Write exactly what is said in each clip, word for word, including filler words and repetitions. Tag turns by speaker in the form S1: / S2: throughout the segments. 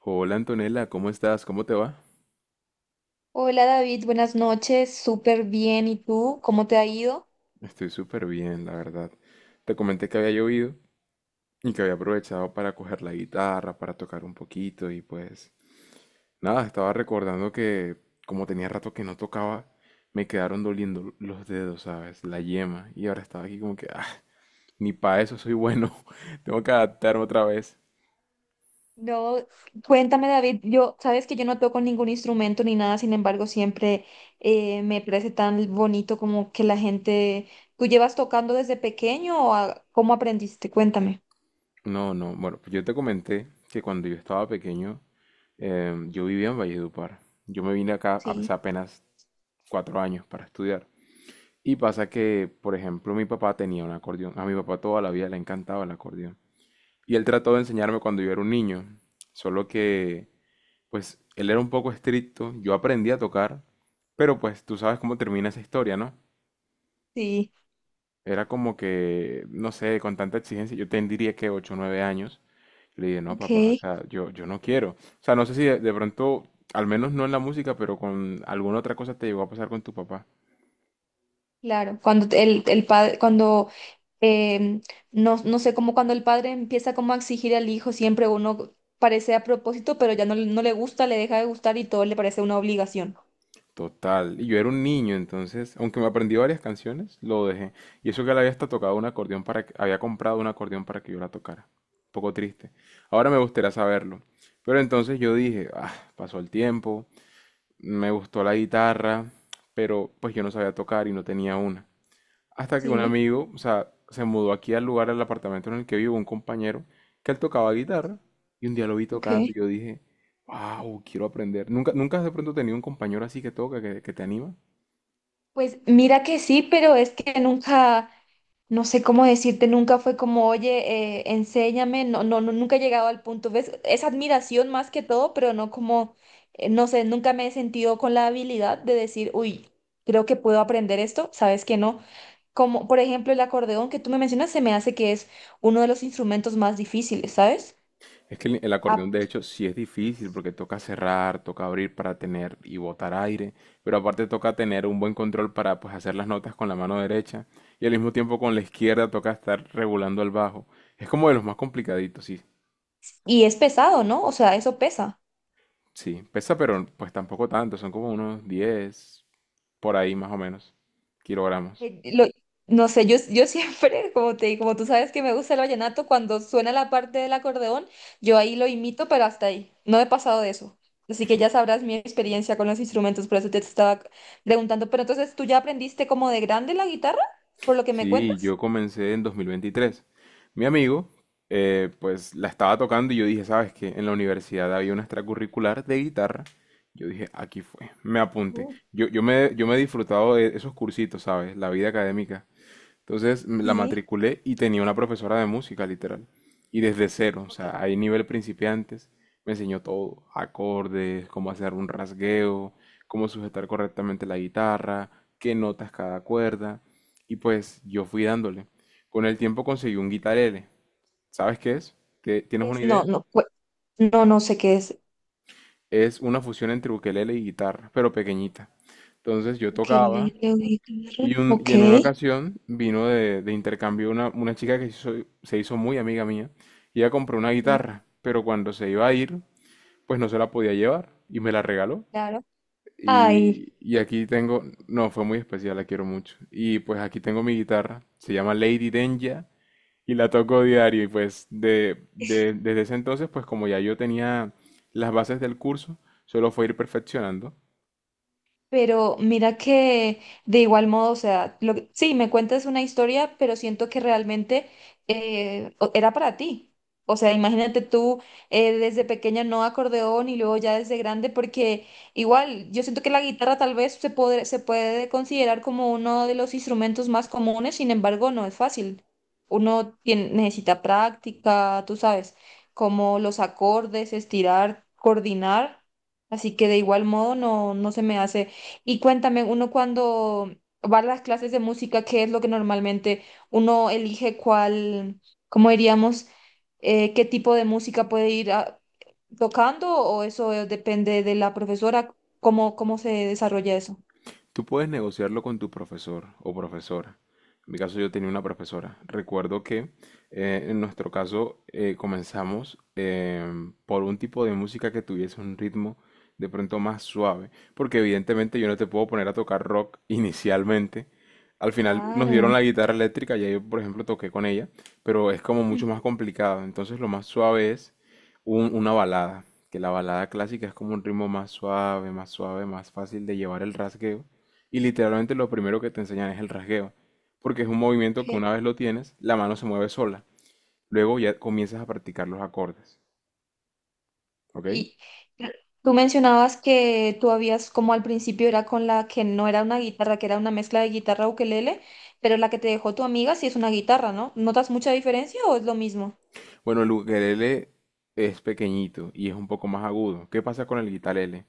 S1: Hola Antonella, ¿cómo estás? ¿Cómo te va?
S2: Hola David, buenas noches, súper bien. ¿Y tú? ¿Cómo te ha ido?
S1: Estoy súper bien, la verdad. Te comenté que había llovido y que había aprovechado para coger la guitarra, para tocar un poquito y pues nada, estaba recordando que como tenía rato que no tocaba, me quedaron doliendo los dedos, ¿sabes? La yema. Y ahora estaba aquí como que, ah, ni para eso soy bueno, tengo que adaptarme otra vez.
S2: No, cuéntame David, yo sabes que yo no toco ningún instrumento ni nada, sin embargo siempre eh, me parece tan bonito como que la gente, ¿tú llevas tocando desde pequeño o a- cómo aprendiste? Cuéntame.
S1: No, no, bueno, pues yo te comenté que cuando yo estaba pequeño, em, yo vivía en Valledupar. Yo me vine acá hace
S2: Sí,
S1: apenas cuatro años para estudiar. Y pasa que, por ejemplo, mi papá tenía un acordeón. A mi papá toda la vida le encantaba el acordeón. Y él trató de enseñarme cuando yo era un niño. Solo que, pues, él era un poco estricto. Yo aprendí a tocar. Pero, pues, tú sabes cómo termina esa historia, ¿no?
S2: sí,
S1: Era como que, no sé, con tanta exigencia. Yo tendría que ocho o nueve años. Le dije, no, papá, o
S2: ok.
S1: sea, yo, yo no quiero. O sea, no sé si de, de pronto, al menos no en la música, pero con alguna otra cosa te llegó a pasar con tu papá.
S2: Claro, cuando te- el, el padre, cuando em, no, no sé, como cuando el padre empieza como a exigir al hijo, siempre uno parece a propósito, pero ya no, le- no le gusta, le deja de gustar y todo le parece una obligación.
S1: Total. Y yo era un niño, entonces, aunque me aprendí varias canciones, lo dejé. Y eso que él había hasta tocado un acordeón para que, había comprado un acordeón para que yo la tocara. Un poco triste. Ahora me gustaría saberlo. Pero entonces yo dije, ah, pasó el tiempo, me gustó la guitarra, pero pues yo no sabía tocar y no tenía una. Hasta que un
S2: Sí.
S1: amigo, o sea, se mudó aquí al lugar, al apartamento en el que vivo, un compañero, que él tocaba guitarra. Y un día lo vi tocando y
S2: Ok.
S1: yo dije, wow, quiero aprender. ¿Nunca, nunca has de pronto tenido un compañero así que toca, que, que te anima?
S2: Pues mira que sí, pero es que nunca, no sé cómo decirte, nunca fue como, oye, eh, enséñame, no, no, no, nunca he llegado al punto, ¿ves? Es admiración más que todo, pero no como, eh, no sé, nunca me he sentido con la habilidad de decir, uy, creo que puedo aprender esto, sabes que no. Como, por ejemplo, el acordeón que tú me mencionas, se me hace que es uno de los instrumentos más difíciles, ¿sabes?
S1: Es que el, el acordeón,
S2: Ah,
S1: de hecho, sí es difícil porque toca cerrar, toca abrir para tener y botar aire. Pero aparte toca tener un buen control para pues, hacer las notas con la mano derecha. Y al mismo tiempo con la izquierda toca estar regulando el bajo. Es como de los más complicaditos. Sí,
S2: y es pesado, ¿no? O sea, eso pesa.
S1: sí, pesa, pero pues tampoco tanto, son como unos diez por ahí más o menos, kilogramos.
S2: Eh, lo- no sé, yo, yo siempre, como te como tú sabes que me gusta el vallenato, cuando suena la parte del acordeón, yo ahí lo imito, pero hasta ahí. No he pasado de eso. Así que ya sabrás mi experiencia con los instrumentos, por eso te estaba preguntando. Pero entonces, ¿tú ya aprendiste como de grande la guitarra, por lo que me
S1: Sí, yo
S2: cuentas?
S1: comencé en dos mil veintitrés. Mi amigo, eh, pues la estaba tocando y yo dije, ¿sabes qué? En la universidad había una extracurricular de guitarra. Yo dije, aquí fue, me apunté.
S2: Uh,
S1: Yo, yo me, yo me he disfrutado de esos cursitos, ¿sabes? La vida académica. Entonces me la
S2: sí.
S1: matriculé y tenía una profesora de música, literal. Y desde cero, o sea, hay nivel principiantes, me enseñó todo, acordes, cómo hacer un rasgueo, cómo sujetar correctamente la guitarra, qué notas cada cuerda. Y pues yo fui dándole. Con el tiempo conseguí un guitarele. ¿Sabes qué es? ¿Te- ¿Tienes
S2: ¿Qué
S1: una
S2: es? No,
S1: idea?
S2: no, cu- no, no sé qué es.
S1: Es una fusión entre ukelele y guitarra, pero pequeñita. Entonces yo tocaba.
S2: Ukelele o guitarra.
S1: Y, un-
S2: Ok.
S1: y en una ocasión vino de, de intercambio una, una chica que se hizo, se hizo muy amiga mía. Y ella compró una
S2: Sí.
S1: guitarra, pero cuando se iba a ir, pues no se la podía llevar y me la regaló.
S2: Claro. Ay.
S1: Y, y aquí tengo, no, fue muy especial, la quiero mucho. Y pues aquí tengo mi guitarra, se llama Lady Denja y la toco diario. Y pues de, de- desde ese entonces, pues como ya yo tenía las bases del curso, solo fue ir perfeccionando.
S2: Pero mira que de igual modo, o sea, lo que- sí, me cuentas una historia, pero siento que realmente eh, o- era para ti. O sea, imagínate tú eh, desde pequeña no acordeón y luego ya desde grande, porque igual yo siento que la guitarra tal vez se puede, se puede considerar como uno de los instrumentos más comunes, sin embargo, no es fácil. Uno tiene- necesita práctica, tú sabes, como los acordes, estirar, coordinar. Así que de igual modo no, no se me hace. Y cuéntame, uno cuando va a las clases de música, ¿qué es lo que normalmente uno elige cuál, cómo diríamos, eh, qué tipo de música puede ir a- tocando o eso eh, depende de la profesora? ¿Cómo, cómo se desarrolla eso?
S1: Tú puedes negociarlo con tu profesor o profesora. En mi caso yo tenía una profesora. Recuerdo que eh, en nuestro caso eh, comenzamos em, por un tipo de música que tuviese un ritmo de pronto más suave, porque evidentemente yo no te puedo poner a tocar rock inicialmente. Al final nos dieron
S2: Claro.
S1: la guitarra eléctrica, ya yo por ejemplo toqué con ella, pero es como mucho más
S2: Ujú.
S1: complicado. Entonces lo más suave es un- una balada, que la balada clásica es como un ritmo más suave, más suave, más fácil de llevar el rasgueo. Y literalmente lo primero que te enseñan es el rasgueo, porque es un movimiento que
S2: Ok.
S1: una vez lo tienes, la mano se mueve sola. Luego ya comienzas a practicar los acordes, ¿ok?
S2: Y eh, tú mencionabas que tú habías, como al principio era con la que no era una guitarra, que era una mezcla de guitarra ukelele, pero la que te dejó tu amiga sí es una guitarra, ¿no? ¿Notas mucha diferencia o es lo mismo?
S1: Bueno, el ukelele es pequeñito y es un poco más agudo. ¿Qué pasa con el guitarlele?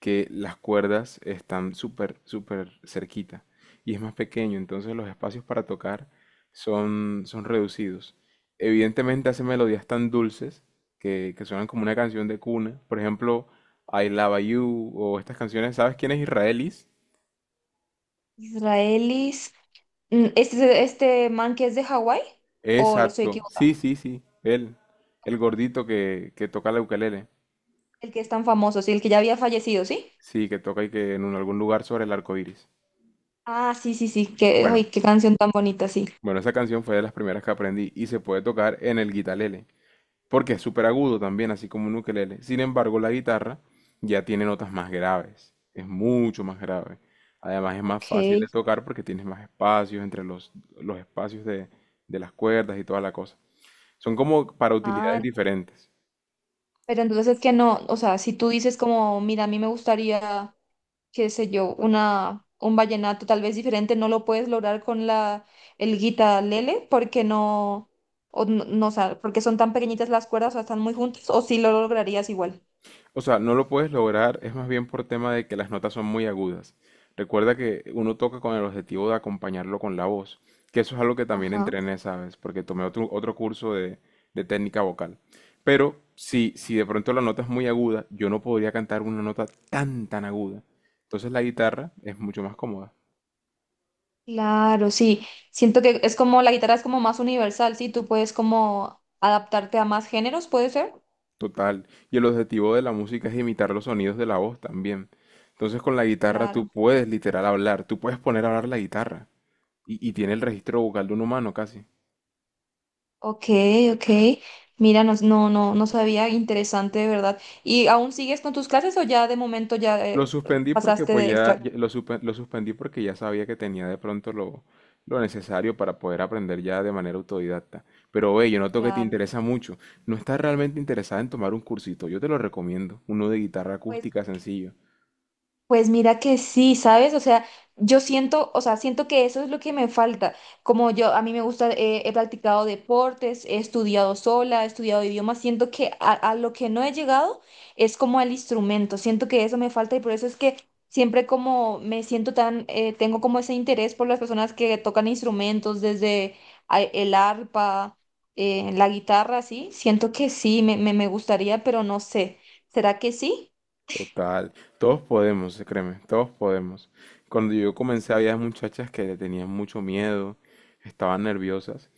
S1: Que las cuerdas están súper, súper cerquita y es más pequeño, entonces los espacios para tocar son, son reducidos. Evidentemente hace melodías tan dulces que, que suenan como una canción de cuna. Por ejemplo, I Love You o estas canciones. ¿Sabes quién es Israelis?
S2: Israelis. Mm, Este, este man que es de Hawái, o soy
S1: Exacto.
S2: equivocada,
S1: Sí, sí, sí. Él. El gordito que, que toca la ukelele.
S2: el que es tan famoso, sí, el que ya había fallecido, ¿sí?
S1: Sí, que toca y que en un- algún lugar sobre el arco iris.
S2: Ah, sí, sí, sí, qué,
S1: Bueno,
S2: ay, qué canción tan bonita, sí.
S1: bueno, esa canción fue de las primeras que aprendí y se puede tocar en el guitalele, porque es súper agudo también, así como un ukelele. Sin embargo, la guitarra ya tiene notas más graves, es mucho más grave. Además, es más
S2: Ok.
S1: fácil de tocar porque tienes más espacios entre los, los espacios de, de las cuerdas y toda la cosa. Son como para utilidades
S2: Ah,
S1: diferentes.
S2: pero entonces es que no, o sea, si tú dices como, mira, a mí me gustaría, qué sé yo, una, un vallenato tal vez diferente, no lo puedes lograr con la, el guitarlele, porque no, o no, no, o sea, porque son tan pequeñitas las cuerdas, o sea, están muy juntas, o sí lo lograrías igual.
S1: O sea, no lo puedes lograr, es más bien por tema de que las notas son muy agudas. Recuerda que uno toca con el objetivo de acompañarlo con la voz, que eso es algo que también
S2: Ajá.
S1: entrené, ¿sabes? Porque tomé otro, otro curso de, de técnica vocal. Pero si, si de pronto la nota es muy aguda, yo no podría cantar una nota tan, tan aguda. Entonces la guitarra es mucho más cómoda.
S2: Claro, sí. Siento que es como la guitarra es como más universal, sí. Tú puedes como adaptarte a más géneros, ¿puede ser?
S1: Total. Y el objetivo de la música es imitar los sonidos de la voz también. Entonces con la guitarra tú
S2: Claro.
S1: puedes literal hablar, tú puedes poner a hablar la guitarra. Y, y tiene el registro vocal de un humano casi.
S2: Ok, ok. Mira, no, no, no, no sabía. Interesante, de verdad. ¿Y aún sigues con tus clases o ya de momento ya
S1: Lo
S2: eh,
S1: suspendí porque
S2: pasaste
S1: pues
S2: de
S1: ya,
S2: extra?
S1: ya- lo, suspe- lo suspendí porque ya sabía que tenía de pronto lo, lo necesario para poder aprender ya de manera autodidacta. Pero ve, yo noto que te
S2: Claro.
S1: interesa mucho. No estás realmente interesada en tomar un cursito. Yo te lo recomiendo. Uno de guitarra acústica sencillo.
S2: Pues mira que sí, ¿sabes? O sea, yo siento, o sea, siento que eso es lo que me falta. Como yo, a mí me gusta, eh, he practicado deportes, he estudiado sola, he estudiado idiomas, siento que a, a lo que no he llegado es como al instrumento, siento que eso me falta y por eso es que siempre como me siento tan, eh, tengo como ese interés por las personas que tocan instrumentos, desde a- el arpa, eh, la guitarra, sí, siento que sí, me, me, me gustaría, pero no sé, ¿será que sí?
S1: Total. Todos podemos, créeme. Todos podemos. Cuando yo comencé había muchachas que le tenían mucho miedo, estaban nerviosas.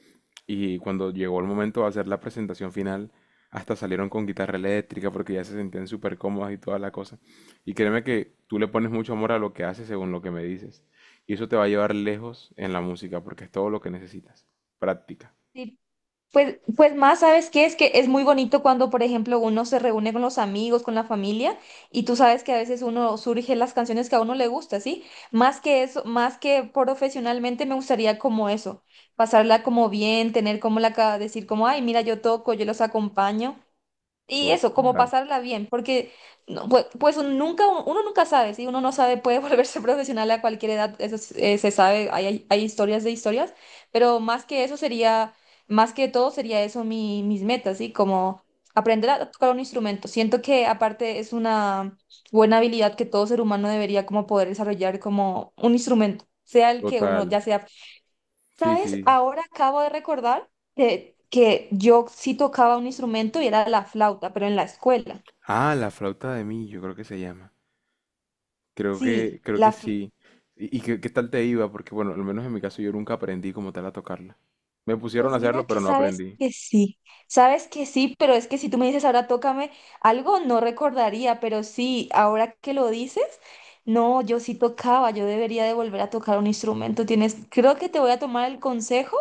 S1: Y cuando llegó el momento de hacer la presentación final, hasta salieron con guitarra eléctrica porque ya se sentían súper cómodas y toda la cosa. Y créeme que tú le pones mucho amor a lo que haces según lo que me dices. Y eso te va a llevar lejos en la música porque es todo lo que necesitas. Práctica.
S2: Pues, pues más, ¿sabes qué? Es que es muy bonito cuando, por ejemplo, uno se reúne con los amigos, con la familia, y tú sabes que a veces uno surge las canciones que a uno le gusta, ¿sí? Más que eso, más que profesionalmente me gustaría como eso, pasarla como bien, tener como la, ca- decir como, ay, mira, yo toco, yo los acompaño, y eso, como
S1: Total.
S2: pasarla bien, porque no, pues, pues uno nunca, uno nunca sabe, si uno no sabe, puede volverse profesional a cualquier edad, eso es- eh, se sabe, hay, hay, hay historias de historias, pero más que eso sería, más que todo sería eso mi, mis metas, ¿sí? Como aprender a tocar un instrumento. Siento que aparte es una buena habilidad que todo ser humano debería como poder desarrollar como un instrumento, sea el que uno,
S1: Total.
S2: ya sea.
S1: Sí,
S2: ¿Sabes?
S1: sí.
S2: Ahora acabo de recordar de que yo sí tocaba un instrumento y era la flauta, pero en la escuela.
S1: Ah, la flauta de mí, yo creo que se llama. Creo que,
S2: Sí,
S1: creo que
S2: la fl-
S1: sí. ¿Y, y qué, qué tal te iba? Porque bueno, al menos en mi caso yo nunca aprendí como tal a tocarla. Me pusieron a
S2: pues mira
S1: hacerlo, pero
S2: que
S1: no
S2: sabes
S1: aprendí.
S2: que sí, sabes que sí, pero es que si tú me dices ahora tócame algo, no recordaría, pero sí, ahora que lo dices, no, yo sí tocaba, yo debería de volver a tocar un instrumento. Tienes, creo que te voy a tomar el consejo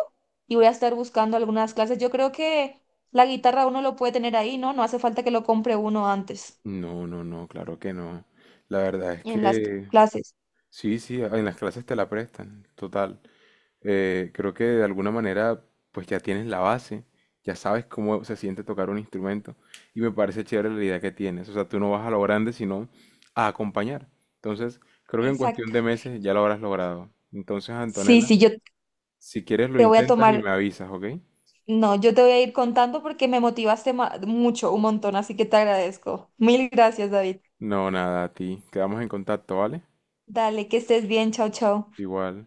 S2: y voy a estar buscando algunas clases. Yo creo que la guitarra uno lo puede tener ahí, ¿no? No hace falta que lo compre uno antes.
S1: No, no, no, claro que no. La verdad es
S2: En las
S1: que
S2: clases.
S1: sí, sí, en las clases te la prestan, total. Eh, creo que de alguna manera pues ya tienes la base, ya sabes cómo se siente tocar un instrumento y me parece chévere la idea que tienes. O sea, tú no vas a lo grande sino a acompañar. Entonces, creo que en cuestión
S2: Exacto.
S1: de meses ya lo habrás logrado. Entonces,
S2: Sí,
S1: Antonella,
S2: sí, yo
S1: si quieres lo
S2: te voy a
S1: intentas y
S2: tomar,
S1: me avisas, ¿ok?
S2: no, yo te voy a ir contando porque me motivaste ma- mucho, un montón, así que te agradezco. Mil gracias, David.
S1: No, nada, a ti. Quedamos en contacto, ¿vale?
S2: Dale, que estés bien, chao, chao.
S1: Igual.